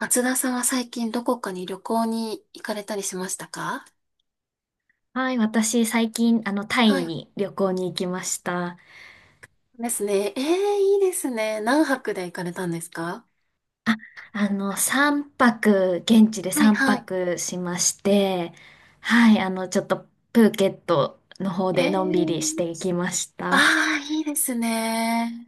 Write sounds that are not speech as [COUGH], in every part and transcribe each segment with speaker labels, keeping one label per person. Speaker 1: 松田さんは最近どこかに旅行に行かれたりしましたか？
Speaker 2: はい、私最近、タ
Speaker 1: は
Speaker 2: イ
Speaker 1: い。
Speaker 2: に旅行に行きました。
Speaker 1: ですね。ええ、いいですね。何泊で行かれたんですか？
Speaker 2: 3泊、現地で
Speaker 1: はい
Speaker 2: 3
Speaker 1: はい。
Speaker 2: 泊しまして、はい、ちょっとプーケットの方
Speaker 1: え
Speaker 2: でのんびりしてい
Speaker 1: え、
Speaker 2: きました。
Speaker 1: ああ、いいですね。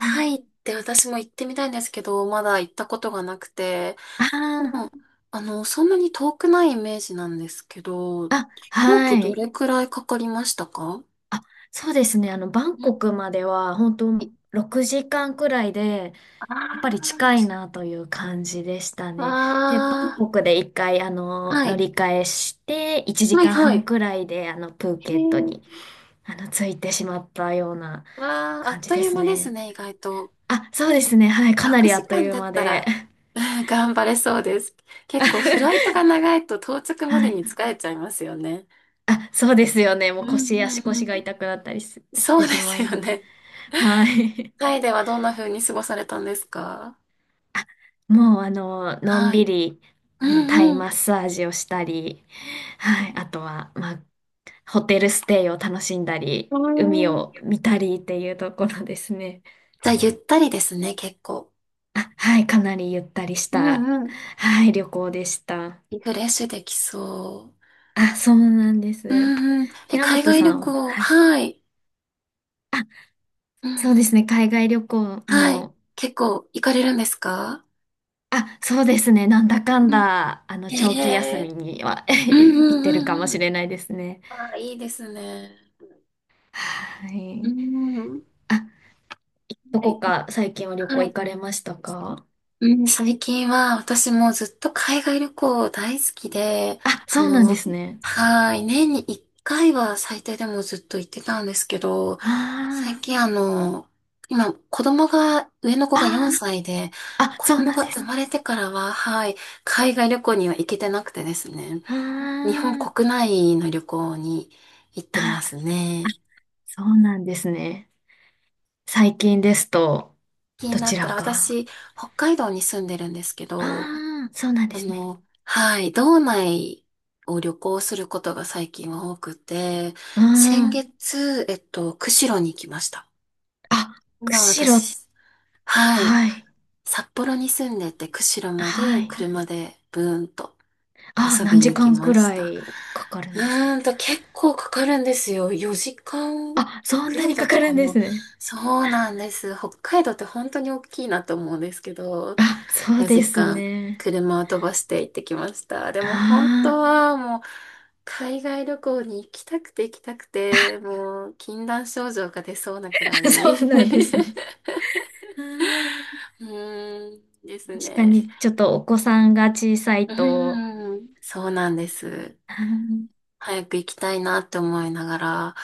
Speaker 2: うん、
Speaker 1: イって私も行ってみたいんですけど、まだ行ったことがなくて。
Speaker 2: あ
Speaker 1: でも、
Speaker 2: ー、
Speaker 1: そんなに遠くないイメージなんですけど、
Speaker 2: あ、
Speaker 1: 飛行
Speaker 2: は
Speaker 1: 機ど
Speaker 2: い。
Speaker 1: れくらいかかりましたか？
Speaker 2: あ、そうですね。バン
Speaker 1: うん、
Speaker 2: コクまでは、本当6時間くらいで、
Speaker 1: あ
Speaker 2: やっぱり近い
Speaker 1: あ、
Speaker 2: なという感じでしたね。で、バン
Speaker 1: あ
Speaker 2: コクで一回、
Speaker 1: ー、は
Speaker 2: 乗
Speaker 1: い。
Speaker 2: り換えして、1
Speaker 1: はい
Speaker 2: 時間
Speaker 1: はい。
Speaker 2: 半
Speaker 1: へ
Speaker 2: くらいで、プーケットに、
Speaker 1: え。
Speaker 2: 着いてしまったような
Speaker 1: わあ、あ
Speaker 2: 感
Speaker 1: っ
Speaker 2: じ
Speaker 1: と
Speaker 2: で
Speaker 1: いう
Speaker 2: す
Speaker 1: 間です
Speaker 2: ね。
Speaker 1: ね、意外と。
Speaker 2: あ、そうですね。はい。かな
Speaker 1: 枠
Speaker 2: りあ
Speaker 1: 時
Speaker 2: っとい
Speaker 1: 間
Speaker 2: う
Speaker 1: だっ
Speaker 2: 間
Speaker 1: た
Speaker 2: で。
Speaker 1: ら、うん、頑張れそうです。結
Speaker 2: [LAUGHS]
Speaker 1: 構フライトが長いと到着ま
Speaker 2: は
Speaker 1: でに
Speaker 2: い。
Speaker 1: 疲れちゃいますよね。
Speaker 2: あ、そうですよね。も
Speaker 1: う
Speaker 2: う
Speaker 1: ん
Speaker 2: 足
Speaker 1: うんう
Speaker 2: 腰
Speaker 1: ん。
Speaker 2: が痛くなったりし
Speaker 1: そ
Speaker 2: て
Speaker 1: うで
Speaker 2: しま
Speaker 1: す
Speaker 2: う
Speaker 1: よ
Speaker 2: の。
Speaker 1: ね。
Speaker 2: は
Speaker 1: [LAUGHS]
Speaker 2: い。
Speaker 1: タイではどんな風に過ごされたんですか？
Speaker 2: もう、のん
Speaker 1: は
Speaker 2: び
Speaker 1: い。
Speaker 2: り、
Speaker 1: う
Speaker 2: タイ
Speaker 1: んうん。
Speaker 2: マッサージをしたり、はい。あとは、まあ、ホテルステイを楽しんだり、
Speaker 1: うー
Speaker 2: 海を
Speaker 1: ん、
Speaker 2: 見たりっていうところですね。
Speaker 1: じゃあ、ゆったりですね、結構。
Speaker 2: あ、はい、かなりゆったりし
Speaker 1: う
Speaker 2: た、
Speaker 1: んうん。
Speaker 2: はい、旅行でした。
Speaker 1: リフレッシュできそ
Speaker 2: あ、そうなんで
Speaker 1: う。う
Speaker 2: す。
Speaker 1: んうん。え、
Speaker 2: 寺
Speaker 1: 海
Speaker 2: 本
Speaker 1: 外
Speaker 2: さ
Speaker 1: 旅
Speaker 2: んは、
Speaker 1: 行、
Speaker 2: はい。
Speaker 1: はい。
Speaker 2: あ、
Speaker 1: う
Speaker 2: そう
Speaker 1: ん
Speaker 2: で
Speaker 1: うん。
Speaker 2: すね、海外旅行
Speaker 1: はい。
Speaker 2: も、
Speaker 1: 結構行かれるんですか？
Speaker 2: あ、そうですね、なんだかんだ、
Speaker 1: へ
Speaker 2: 長期休
Speaker 1: え、
Speaker 2: みには [LAUGHS]
Speaker 1: う
Speaker 2: 行
Speaker 1: ん
Speaker 2: っ
Speaker 1: うん
Speaker 2: てるかも
Speaker 1: うんう
Speaker 2: し
Speaker 1: ん、
Speaker 2: れないですね。
Speaker 1: あ、いいですね。
Speaker 2: は
Speaker 1: う
Speaker 2: い。
Speaker 1: ん。
Speaker 2: あ、ど
Speaker 1: は
Speaker 2: こ
Speaker 1: い。
Speaker 2: か最近は旅行
Speaker 1: は
Speaker 2: 行
Speaker 1: い。
Speaker 2: かれましたか？
Speaker 1: うん、最近は私もずっと海外旅行大好きで、
Speaker 2: あ、
Speaker 1: あ
Speaker 2: そうなんで
Speaker 1: の、
Speaker 2: すね。
Speaker 1: はい。年に1回は最低でもずっと行ってたんですけど、
Speaker 2: あー、
Speaker 1: 最近今子供が、上の子が4
Speaker 2: あ
Speaker 1: 歳で、
Speaker 2: ー。あ、
Speaker 1: 子
Speaker 2: そう
Speaker 1: 供
Speaker 2: なん
Speaker 1: が
Speaker 2: で
Speaker 1: 生
Speaker 2: す
Speaker 1: ま
Speaker 2: ね。
Speaker 1: れてからは、はい、海外旅行には行けてなくてですね、
Speaker 2: あ
Speaker 1: 日本
Speaker 2: ー、
Speaker 1: 国内の旅行に行っ
Speaker 2: あ、
Speaker 1: てます
Speaker 2: あ、
Speaker 1: ね。
Speaker 2: そうなんですね。最近ですと、
Speaker 1: 気に
Speaker 2: ど
Speaker 1: な
Speaker 2: ち
Speaker 1: った
Speaker 2: ら
Speaker 1: ら、
Speaker 2: か？
Speaker 1: 私、北海道に住んでるんですけど、
Speaker 2: ああ、そうなんですね。
Speaker 1: はい、道内を旅行することが最近は多くて、
Speaker 2: あ
Speaker 1: 先
Speaker 2: ー、
Speaker 1: 月、釧路に行きました。
Speaker 2: あ、
Speaker 1: 今
Speaker 2: 釧路、
Speaker 1: 私、はい、
Speaker 2: はい、
Speaker 1: 札幌に住んでて、釧路ま
Speaker 2: は
Speaker 1: で
Speaker 2: い。
Speaker 1: 車でブーンと
Speaker 2: あ、
Speaker 1: 遊
Speaker 2: 何
Speaker 1: び
Speaker 2: 時
Speaker 1: に行き
Speaker 2: 間
Speaker 1: ま
Speaker 2: く
Speaker 1: し
Speaker 2: ら
Speaker 1: た。
Speaker 2: いかかるんですか？
Speaker 1: 結構かかるんですよ。4時間
Speaker 2: あ、そん
Speaker 1: ぐ
Speaker 2: な
Speaker 1: ら
Speaker 2: に
Speaker 1: いだ
Speaker 2: か
Speaker 1: っ
Speaker 2: か
Speaker 1: た
Speaker 2: る
Speaker 1: か
Speaker 2: んです
Speaker 1: な。
Speaker 2: ね。
Speaker 1: そうなんです。北海道って本当に大きいなと思うんですけど、
Speaker 2: あ、そうで
Speaker 1: 4
Speaker 2: す
Speaker 1: 時間
Speaker 2: ね。
Speaker 1: 車を飛ばして行ってきました。でも本
Speaker 2: あ
Speaker 1: 当はもう海外旅行に行きたくて行きたくて、もう禁断症状が出そうなくら
Speaker 2: あ、[LAUGHS] そう
Speaker 1: い。[LAUGHS] う
Speaker 2: なんですね。あー、
Speaker 1: ーんです
Speaker 2: 確か
Speaker 1: ね。
Speaker 2: に、ちょっとお子さんが小さい
Speaker 1: う
Speaker 2: と、
Speaker 1: ーん、そうなんです。
Speaker 2: あーで
Speaker 1: 早く行きたいなって思いながら、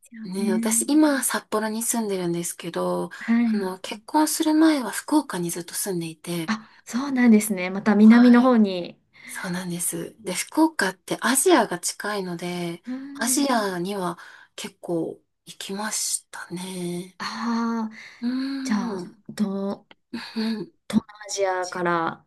Speaker 2: すよ
Speaker 1: ね、私
Speaker 2: ね。
Speaker 1: 今札幌に住んでるんですけど、
Speaker 2: はい。
Speaker 1: 結婚する前は福岡にずっと住んでいて、
Speaker 2: あ、そうなんですね。また南
Speaker 1: は
Speaker 2: の
Speaker 1: い。
Speaker 2: 方に。
Speaker 1: そうなんです。で、福岡ってアジアが近いので、
Speaker 2: う
Speaker 1: アジ
Speaker 2: ん。
Speaker 1: アには結構行きましたね。
Speaker 2: ああ、
Speaker 1: う
Speaker 2: じゃ
Speaker 1: ー
Speaker 2: あ、
Speaker 1: ん。うん
Speaker 2: 東南アジアから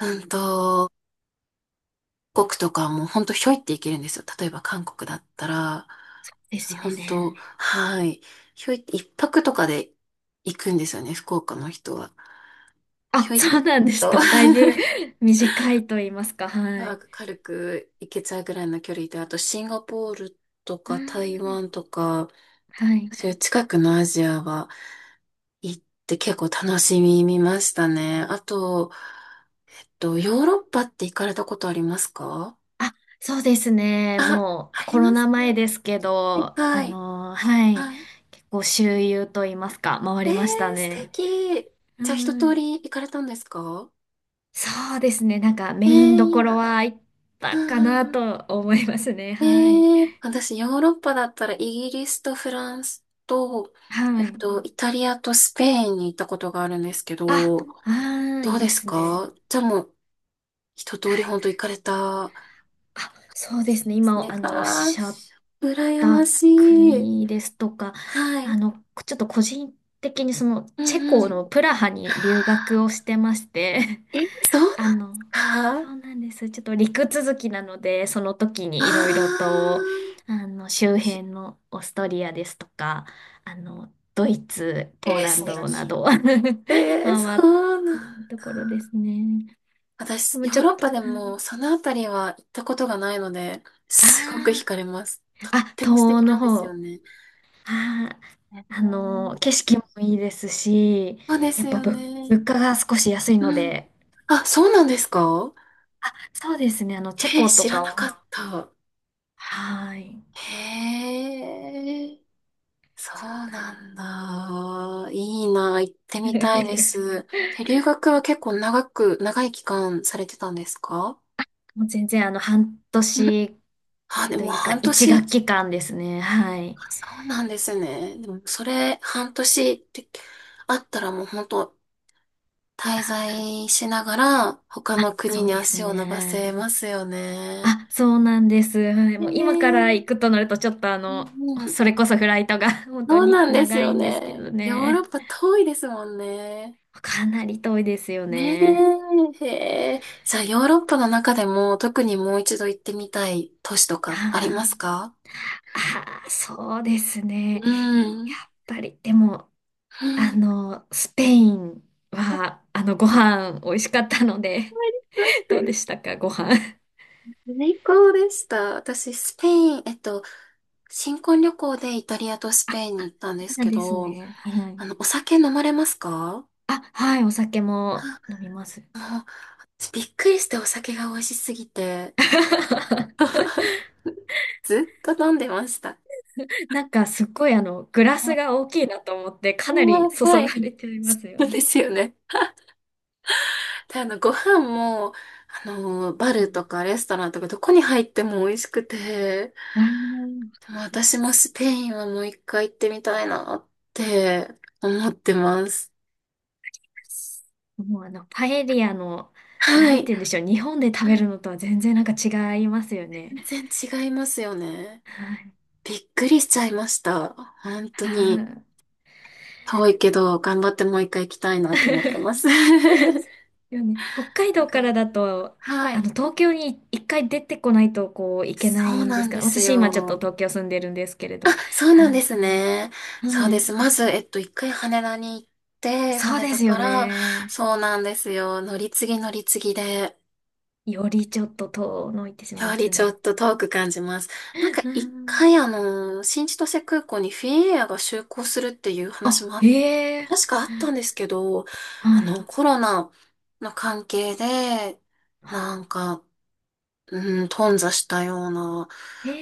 Speaker 1: うんと、韓国とかも本当ひょいって行けるんですよ。例えば韓国だったら、
Speaker 2: ですよ
Speaker 1: 本当、
Speaker 2: ね。
Speaker 1: はい。ひょいって一泊とかで行くんですよね、福岡の人は。ひ
Speaker 2: あ、
Speaker 1: ょいっ
Speaker 2: そうなんです
Speaker 1: と
Speaker 2: か。だいぶ
Speaker 1: [LAUGHS]
Speaker 2: [LAUGHS] 短いと言いますか。は
Speaker 1: まあ
Speaker 2: い。
Speaker 1: 軽く行けちゃうぐらいの距離で、あとシンガポールと
Speaker 2: う
Speaker 1: か台
Speaker 2: ん。
Speaker 1: 湾とか、
Speaker 2: はい。
Speaker 1: そういう近くのアジアは行って結構楽しみ見ましたね。あと、ヨーロッパって行かれたことありますか？
Speaker 2: あ、そうですね。
Speaker 1: あ、
Speaker 2: も
Speaker 1: あ
Speaker 2: う
Speaker 1: り
Speaker 2: コロ
Speaker 1: ます
Speaker 2: ナ
Speaker 1: か？
Speaker 2: 前ですけど、
Speaker 1: はい。
Speaker 2: はい。
Speaker 1: はい。
Speaker 2: 結構周遊と言いますか、回
Speaker 1: えー、
Speaker 2: りました
Speaker 1: 素
Speaker 2: ね。
Speaker 1: 敵。
Speaker 2: は
Speaker 1: じゃあ一通
Speaker 2: い。
Speaker 1: り行かれたんですか？
Speaker 2: そうですね。なんかメ
Speaker 1: えー、
Speaker 2: インど
Speaker 1: いい
Speaker 2: ころは
Speaker 1: な。
Speaker 2: 行っ
Speaker 1: う
Speaker 2: た
Speaker 1: ん
Speaker 2: か
Speaker 1: う
Speaker 2: な
Speaker 1: んうん、
Speaker 2: と思いますね。
Speaker 1: え
Speaker 2: はい。
Speaker 1: ー、私ヨーロッパだったらイギリスとフランスと、
Speaker 2: はい。
Speaker 1: イタリアとスペインに行ったことがあるんですけ
Speaker 2: あ、
Speaker 1: ど、
Speaker 2: ああ、
Speaker 1: ど
Speaker 2: い
Speaker 1: う
Speaker 2: い
Speaker 1: で
Speaker 2: で
Speaker 1: す
Speaker 2: すね。
Speaker 1: か？じゃあもう一
Speaker 2: は
Speaker 1: 通り
Speaker 2: い。
Speaker 1: 本当行かれた、
Speaker 2: あ、そうで
Speaker 1: そ
Speaker 2: すね。
Speaker 1: うです
Speaker 2: 今、
Speaker 1: ね。
Speaker 2: おっ
Speaker 1: ああ、
Speaker 2: しゃっ
Speaker 1: 羨ま
Speaker 2: た
Speaker 1: しい。
Speaker 2: 国ですとか、
Speaker 1: はい。
Speaker 2: ちょっと個人的に
Speaker 1: う
Speaker 2: チェ
Speaker 1: んう
Speaker 2: コの
Speaker 1: ん。
Speaker 2: プラハに留学をしてまして、
Speaker 1: え、そうなんだ。
Speaker 2: あの、
Speaker 1: あ
Speaker 2: そうなんです。ちょっと陸続きなので、その時
Speaker 1: あ、
Speaker 2: にいろいろと、周辺のオーストリアですとか、ドイツ、ポー
Speaker 1: え、
Speaker 2: ラン
Speaker 1: 素
Speaker 2: ドな
Speaker 1: 敵。
Speaker 2: ど [LAUGHS]
Speaker 1: えー、
Speaker 2: 回
Speaker 1: そ
Speaker 2: っ
Speaker 1: うな
Speaker 2: た
Speaker 1: ん。
Speaker 2: ところですね。で
Speaker 1: 私、
Speaker 2: も
Speaker 1: ヨ
Speaker 2: ち
Speaker 1: ー
Speaker 2: ょっ
Speaker 1: ロッ
Speaker 2: と、
Speaker 1: パで
Speaker 2: あ
Speaker 1: もそのあたりは行ったことがないので、すごく惹
Speaker 2: あ
Speaker 1: かれます。
Speaker 2: ー、
Speaker 1: とっ
Speaker 2: あ、
Speaker 1: て
Speaker 2: 東
Speaker 1: も素
Speaker 2: 欧
Speaker 1: 敵
Speaker 2: の
Speaker 1: なんですよ
Speaker 2: 方、
Speaker 1: ね。
Speaker 2: あ
Speaker 1: う
Speaker 2: ー、
Speaker 1: ん、
Speaker 2: 景色もいいですし、
Speaker 1: そうで
Speaker 2: や
Speaker 1: す
Speaker 2: っぱ
Speaker 1: よね。
Speaker 2: 物価が少し安いの
Speaker 1: うん。
Speaker 2: で、
Speaker 1: あ、そうなんですか？
Speaker 2: あ、そうですね、チェ
Speaker 1: えー、
Speaker 2: コ
Speaker 1: 知
Speaker 2: と
Speaker 1: ら
Speaker 2: か
Speaker 1: なか
Speaker 2: は、
Speaker 1: った。
Speaker 2: はい。
Speaker 1: へえ。そう
Speaker 2: そう、
Speaker 1: なんだ。いいな。行ってみたいで
Speaker 2: [LAUGHS]
Speaker 1: す。え、留学は結構長く、長い期間されてたんですか？
Speaker 2: もう全然半
Speaker 1: うん、
Speaker 2: 年
Speaker 1: あ、で
Speaker 2: と
Speaker 1: も
Speaker 2: いうか
Speaker 1: 半
Speaker 2: 一学
Speaker 1: 年。
Speaker 2: 期間ですね。はい。
Speaker 1: あ、そうなんですね。でもそれ、半年ってあったらもう本当滞在しながら他
Speaker 2: あ、
Speaker 1: の国
Speaker 2: そう
Speaker 1: に
Speaker 2: です
Speaker 1: 足を伸ばせ
Speaker 2: ね。
Speaker 1: ますよね。
Speaker 2: あ、そうなんです。はい。
Speaker 1: ねえ、
Speaker 2: もう今から
Speaker 1: ね、
Speaker 2: 行くとなるとちょっと
Speaker 1: うんうん。
Speaker 2: それこそフライトが [LAUGHS] 本当
Speaker 1: そう
Speaker 2: に
Speaker 1: なんです
Speaker 2: 長
Speaker 1: よ
Speaker 2: いんですけど
Speaker 1: ね。ヨーロ
Speaker 2: ね。
Speaker 1: ッパ遠いですもんね。
Speaker 2: かなり遠いですよ
Speaker 1: ね
Speaker 2: ね。
Speaker 1: え、へえ。さあ、ヨーロッパの中でも特にもう一度行ってみたい都市とかあり
Speaker 2: あ
Speaker 1: ますか？
Speaker 2: あ、そうですね。
Speaker 1: う
Speaker 2: や
Speaker 1: ん。
Speaker 2: っぱり、でも、
Speaker 1: うん、
Speaker 2: スペインは、ご飯美味しかったので、[LAUGHS] どうでしたか、ご飯？
Speaker 1: 最高でした。私、スペイン、新婚旅行でイタリアとスペインに行ったんです
Speaker 2: そう
Speaker 1: け
Speaker 2: です
Speaker 1: ど、
Speaker 2: ね。はい。
Speaker 1: お酒飲まれますか？
Speaker 2: あ、はい、お酒も飲みます。
Speaker 1: あの、びっくりしてお酒が美味しすぎて、
Speaker 2: [LAUGHS]
Speaker 1: ずっと飲んでました。
Speaker 2: なんかすっごいグラス
Speaker 1: う
Speaker 2: が大きいなと思って、か
Speaker 1: ん
Speaker 2: なり
Speaker 1: は [LAUGHS]
Speaker 2: 注が
Speaker 1: はい。
Speaker 2: れちゃいますよ
Speaker 1: そう
Speaker 2: ね。
Speaker 1: ですよね。で、ご飯も、バ
Speaker 2: う
Speaker 1: ルと
Speaker 2: ん、
Speaker 1: かレストランとかどこに入っても美味しくて、
Speaker 2: あの、
Speaker 1: でも私もスペインはもう一回行ってみたいなって思ってます。
Speaker 2: もうパエリアの、な
Speaker 1: は
Speaker 2: んて
Speaker 1: い。
Speaker 2: 言うんでしょう、日本で食べ
Speaker 1: はい。
Speaker 2: るのとは全然なんか違いますよね。
Speaker 1: 全然違いますよね。
Speaker 2: はい。
Speaker 1: びっくりしちゃいました。本当に。
Speaker 2: は
Speaker 1: 遠いけど、頑張ってもう一回行きたいなと思ってます。[LAUGHS] な
Speaker 2: いよね。北海
Speaker 1: ん
Speaker 2: 道から
Speaker 1: か、
Speaker 2: だと、
Speaker 1: はい。
Speaker 2: 東京に一回出てこないと、こう、いけな
Speaker 1: そう
Speaker 2: いんで
Speaker 1: な
Speaker 2: す
Speaker 1: ん
Speaker 2: か
Speaker 1: で
Speaker 2: ら。
Speaker 1: す
Speaker 2: 私今ちょっと
Speaker 1: よ。
Speaker 2: 東京住んでるんですけれど。
Speaker 1: そうなん
Speaker 2: は
Speaker 1: で
Speaker 2: い。
Speaker 1: すね。そう
Speaker 2: は
Speaker 1: で
Speaker 2: い。
Speaker 1: す。まず、一回羽田に行って、
Speaker 2: そう
Speaker 1: 羽
Speaker 2: で
Speaker 1: 田
Speaker 2: すよ
Speaker 1: から、
Speaker 2: ね。
Speaker 1: そうなんですよ。乗り継ぎ乗り継ぎで、
Speaker 2: よりちょっと遠のいてしま
Speaker 1: や
Speaker 2: い
Speaker 1: は
Speaker 2: ま
Speaker 1: り
Speaker 2: す
Speaker 1: ちょ
Speaker 2: ね。
Speaker 1: っと遠く感じます。なんか
Speaker 2: う
Speaker 1: 一
Speaker 2: ん。
Speaker 1: 回新千歳空港にフィンエアが就航するっていう話
Speaker 2: あ、
Speaker 1: も
Speaker 2: へ
Speaker 1: あ、
Speaker 2: え。
Speaker 1: 確かあったんですけど、
Speaker 2: はい。
Speaker 1: コロナの関係で、
Speaker 2: は
Speaker 1: なんか、うん、頓挫したような
Speaker 2: い。へ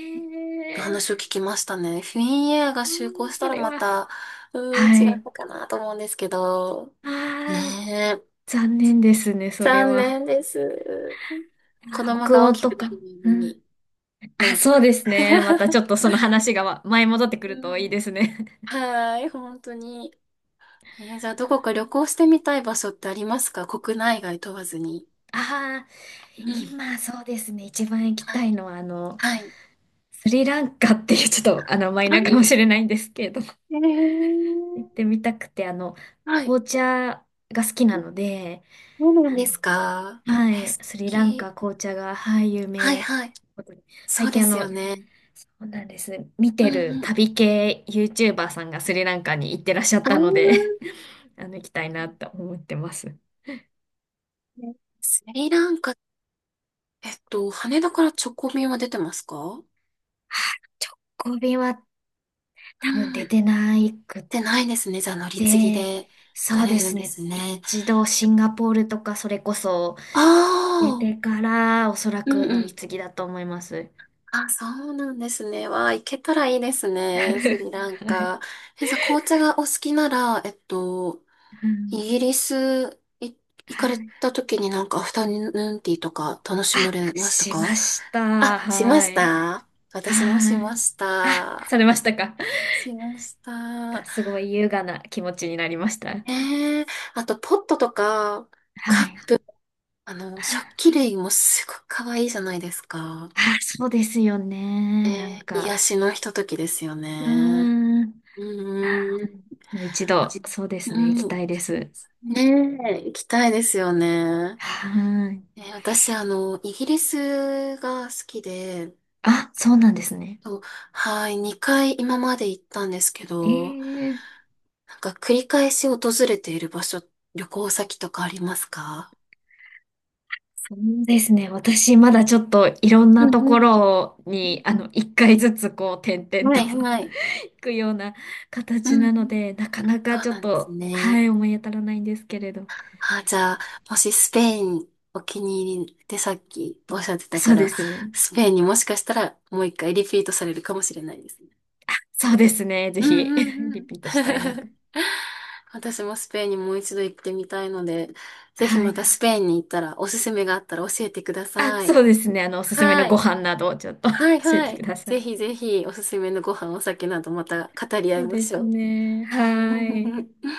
Speaker 2: え。
Speaker 1: 話を聞きましたね。フィンエアが
Speaker 2: あー、
Speaker 1: 就航した
Speaker 2: そ
Speaker 1: ら
Speaker 2: れ
Speaker 1: ま
Speaker 2: は。
Speaker 1: た、うーん、
Speaker 2: は
Speaker 1: 違っ
Speaker 2: い。
Speaker 1: たかなと思うんですけど。ね
Speaker 2: ああ、
Speaker 1: え、
Speaker 2: 残念ですね、それ
Speaker 1: 残
Speaker 2: は。
Speaker 1: 念です。子
Speaker 2: あー、
Speaker 1: 供
Speaker 2: 北
Speaker 1: が大
Speaker 2: 欧
Speaker 1: き
Speaker 2: と
Speaker 1: くな
Speaker 2: か。
Speaker 1: るまで
Speaker 2: うん。
Speaker 1: に、な
Speaker 2: あ、
Speaker 1: んと
Speaker 2: そう
Speaker 1: か。
Speaker 2: ですね。またち
Speaker 1: [LAUGHS]
Speaker 2: ょっとその話が前戻ってく
Speaker 1: う
Speaker 2: るといい
Speaker 1: ん、
Speaker 2: ですね。
Speaker 1: [LAUGHS] はーい、本当に。えー、じゃあ、どこか旅行してみたい場所ってありますか？国内外問わずに。
Speaker 2: [LAUGHS] ああ、
Speaker 1: うん。
Speaker 2: 今そうですね。一番行き
Speaker 1: は
Speaker 2: た
Speaker 1: い。
Speaker 2: いのは、
Speaker 1: はい。
Speaker 2: スリランカっていうちょっとマイナーか
Speaker 1: あ、
Speaker 2: もしれないんですけれども
Speaker 1: え
Speaker 2: 行っ
Speaker 1: ー、
Speaker 2: てみたくて、
Speaker 1: はい。
Speaker 2: 紅茶が好きなので、
Speaker 1: そうなん
Speaker 2: あ
Speaker 1: で
Speaker 2: の、
Speaker 1: すか？
Speaker 2: は
Speaker 1: え、
Speaker 2: い、
Speaker 1: 素
Speaker 2: スリランカ
Speaker 1: 敵。
Speaker 2: 紅茶が、はい、有
Speaker 1: はい
Speaker 2: 名。
Speaker 1: はい。そ
Speaker 2: 最
Speaker 1: うで
Speaker 2: 近
Speaker 1: すよね。
Speaker 2: そうなんです。見
Speaker 1: う
Speaker 2: てる
Speaker 1: んうん、
Speaker 2: 旅系 YouTuber さんがスリランカに行ってらっしゃっ
Speaker 1: あ
Speaker 2: たので、
Speaker 1: ー、
Speaker 2: [LAUGHS] 行きたいなと思ってます。
Speaker 1: ね、スリランカ、羽田から直行便は出てますか？
Speaker 2: はい、直行便は多分
Speaker 1: う
Speaker 2: 出
Speaker 1: ん。
Speaker 2: てないくっ
Speaker 1: でないですね。じゃあ乗り継ぎ
Speaker 2: て、
Speaker 1: で行か
Speaker 2: そうで
Speaker 1: れるん
Speaker 2: す
Speaker 1: で
Speaker 2: ね。
Speaker 1: すね。
Speaker 2: 一度シンガポールとかそれこそ
Speaker 1: あ
Speaker 2: 出
Speaker 1: あ、
Speaker 2: てからおそら
Speaker 1: う
Speaker 2: く
Speaker 1: んう
Speaker 2: 乗り
Speaker 1: ん。
Speaker 2: 継ぎだと思います。
Speaker 1: あ、そうなんですね。わあ、行けたらいいですね。スリ
Speaker 2: [LAUGHS]
Speaker 1: ラン
Speaker 2: はい。
Speaker 1: カ。え、じゃあ紅茶がお好きなら、
Speaker 2: は
Speaker 1: イ
Speaker 2: い。
Speaker 1: ギリスい行かれ
Speaker 2: はい。
Speaker 1: た時になんかアフタヌーンティーとか楽しま
Speaker 2: あ、
Speaker 1: れました
Speaker 2: し
Speaker 1: か？
Speaker 2: ました。
Speaker 1: あ、しま
Speaker 2: は
Speaker 1: し
Speaker 2: い。
Speaker 1: た。私もし
Speaker 2: は
Speaker 1: ま
Speaker 2: い。
Speaker 1: し
Speaker 2: あ、され
Speaker 1: た。
Speaker 2: ましたか。
Speaker 1: しまし
Speaker 2: が
Speaker 1: た。
Speaker 2: すごい優雅な気持ちになりました。
Speaker 1: ええ、あとポットとか、
Speaker 2: は
Speaker 1: か、
Speaker 2: い。
Speaker 1: 食器類もすごく可愛いじゃないですか。
Speaker 2: あ、そうですよ
Speaker 1: え
Speaker 2: ね。なん
Speaker 1: え、癒
Speaker 2: か、
Speaker 1: しのひとときですよ
Speaker 2: う
Speaker 1: ね。
Speaker 2: ーん。あ、
Speaker 1: うーん。
Speaker 2: もう一
Speaker 1: あ
Speaker 2: 度、
Speaker 1: じ、
Speaker 2: そうです
Speaker 1: う
Speaker 2: ね。行
Speaker 1: ん。
Speaker 2: きたいです。
Speaker 1: ねえ、行きたいですよね。
Speaker 2: はい。
Speaker 1: ええ私、イギリスが好きで、
Speaker 2: あ、そうなんですね。
Speaker 1: と、はい、2回今まで行ったんですけど、
Speaker 2: ええ、
Speaker 1: なんか繰り返し訪れている場所、旅行先とかありますか？
Speaker 2: そうですね。私、まだちょっといろん
Speaker 1: う
Speaker 2: なとこ
Speaker 1: ん、
Speaker 2: ろに、一回ずつこう、点々
Speaker 1: は
Speaker 2: と
Speaker 1: いはい。
Speaker 2: くような
Speaker 1: う
Speaker 2: 形なの
Speaker 1: ん。
Speaker 2: で、なかな
Speaker 1: そ
Speaker 2: か
Speaker 1: う
Speaker 2: ちょっ
Speaker 1: なんです
Speaker 2: と、は
Speaker 1: ね。
Speaker 2: い、思い当たらないんですけれど。
Speaker 1: あ、じゃあ、もしスペインお気に入りってさっきおっしゃってた
Speaker 2: そ
Speaker 1: か
Speaker 2: う
Speaker 1: ら、
Speaker 2: ですね。
Speaker 1: スペインにもしかしたらもう一回リピートされるかもしれないですね。
Speaker 2: そうですね。ぜ
Speaker 1: うん
Speaker 2: ひ、[LAUGHS]
Speaker 1: うんう
Speaker 2: リ
Speaker 1: ん。
Speaker 2: ピートしたいなと。
Speaker 1: [LAUGHS] 私もスペインにもう一度行ってみたいので、ぜひ
Speaker 2: は
Speaker 1: ま
Speaker 2: い。
Speaker 1: たスペインに行ったらおすすめがあったら教えてくだ
Speaker 2: あ、
Speaker 1: さい。
Speaker 2: そうですね。おすすめの
Speaker 1: は
Speaker 2: ご
Speaker 1: い。
Speaker 2: 飯などをちょっと
Speaker 1: はい
Speaker 2: [LAUGHS] 教え
Speaker 1: は
Speaker 2: てく
Speaker 1: い。
Speaker 2: ださい。
Speaker 1: ぜひぜひおすすめのご飯、お酒などまた語り合
Speaker 2: そ
Speaker 1: い
Speaker 2: う
Speaker 1: ま
Speaker 2: で
Speaker 1: し
Speaker 2: す
Speaker 1: ょう。
Speaker 2: ね。はい。
Speaker 1: [LAUGHS]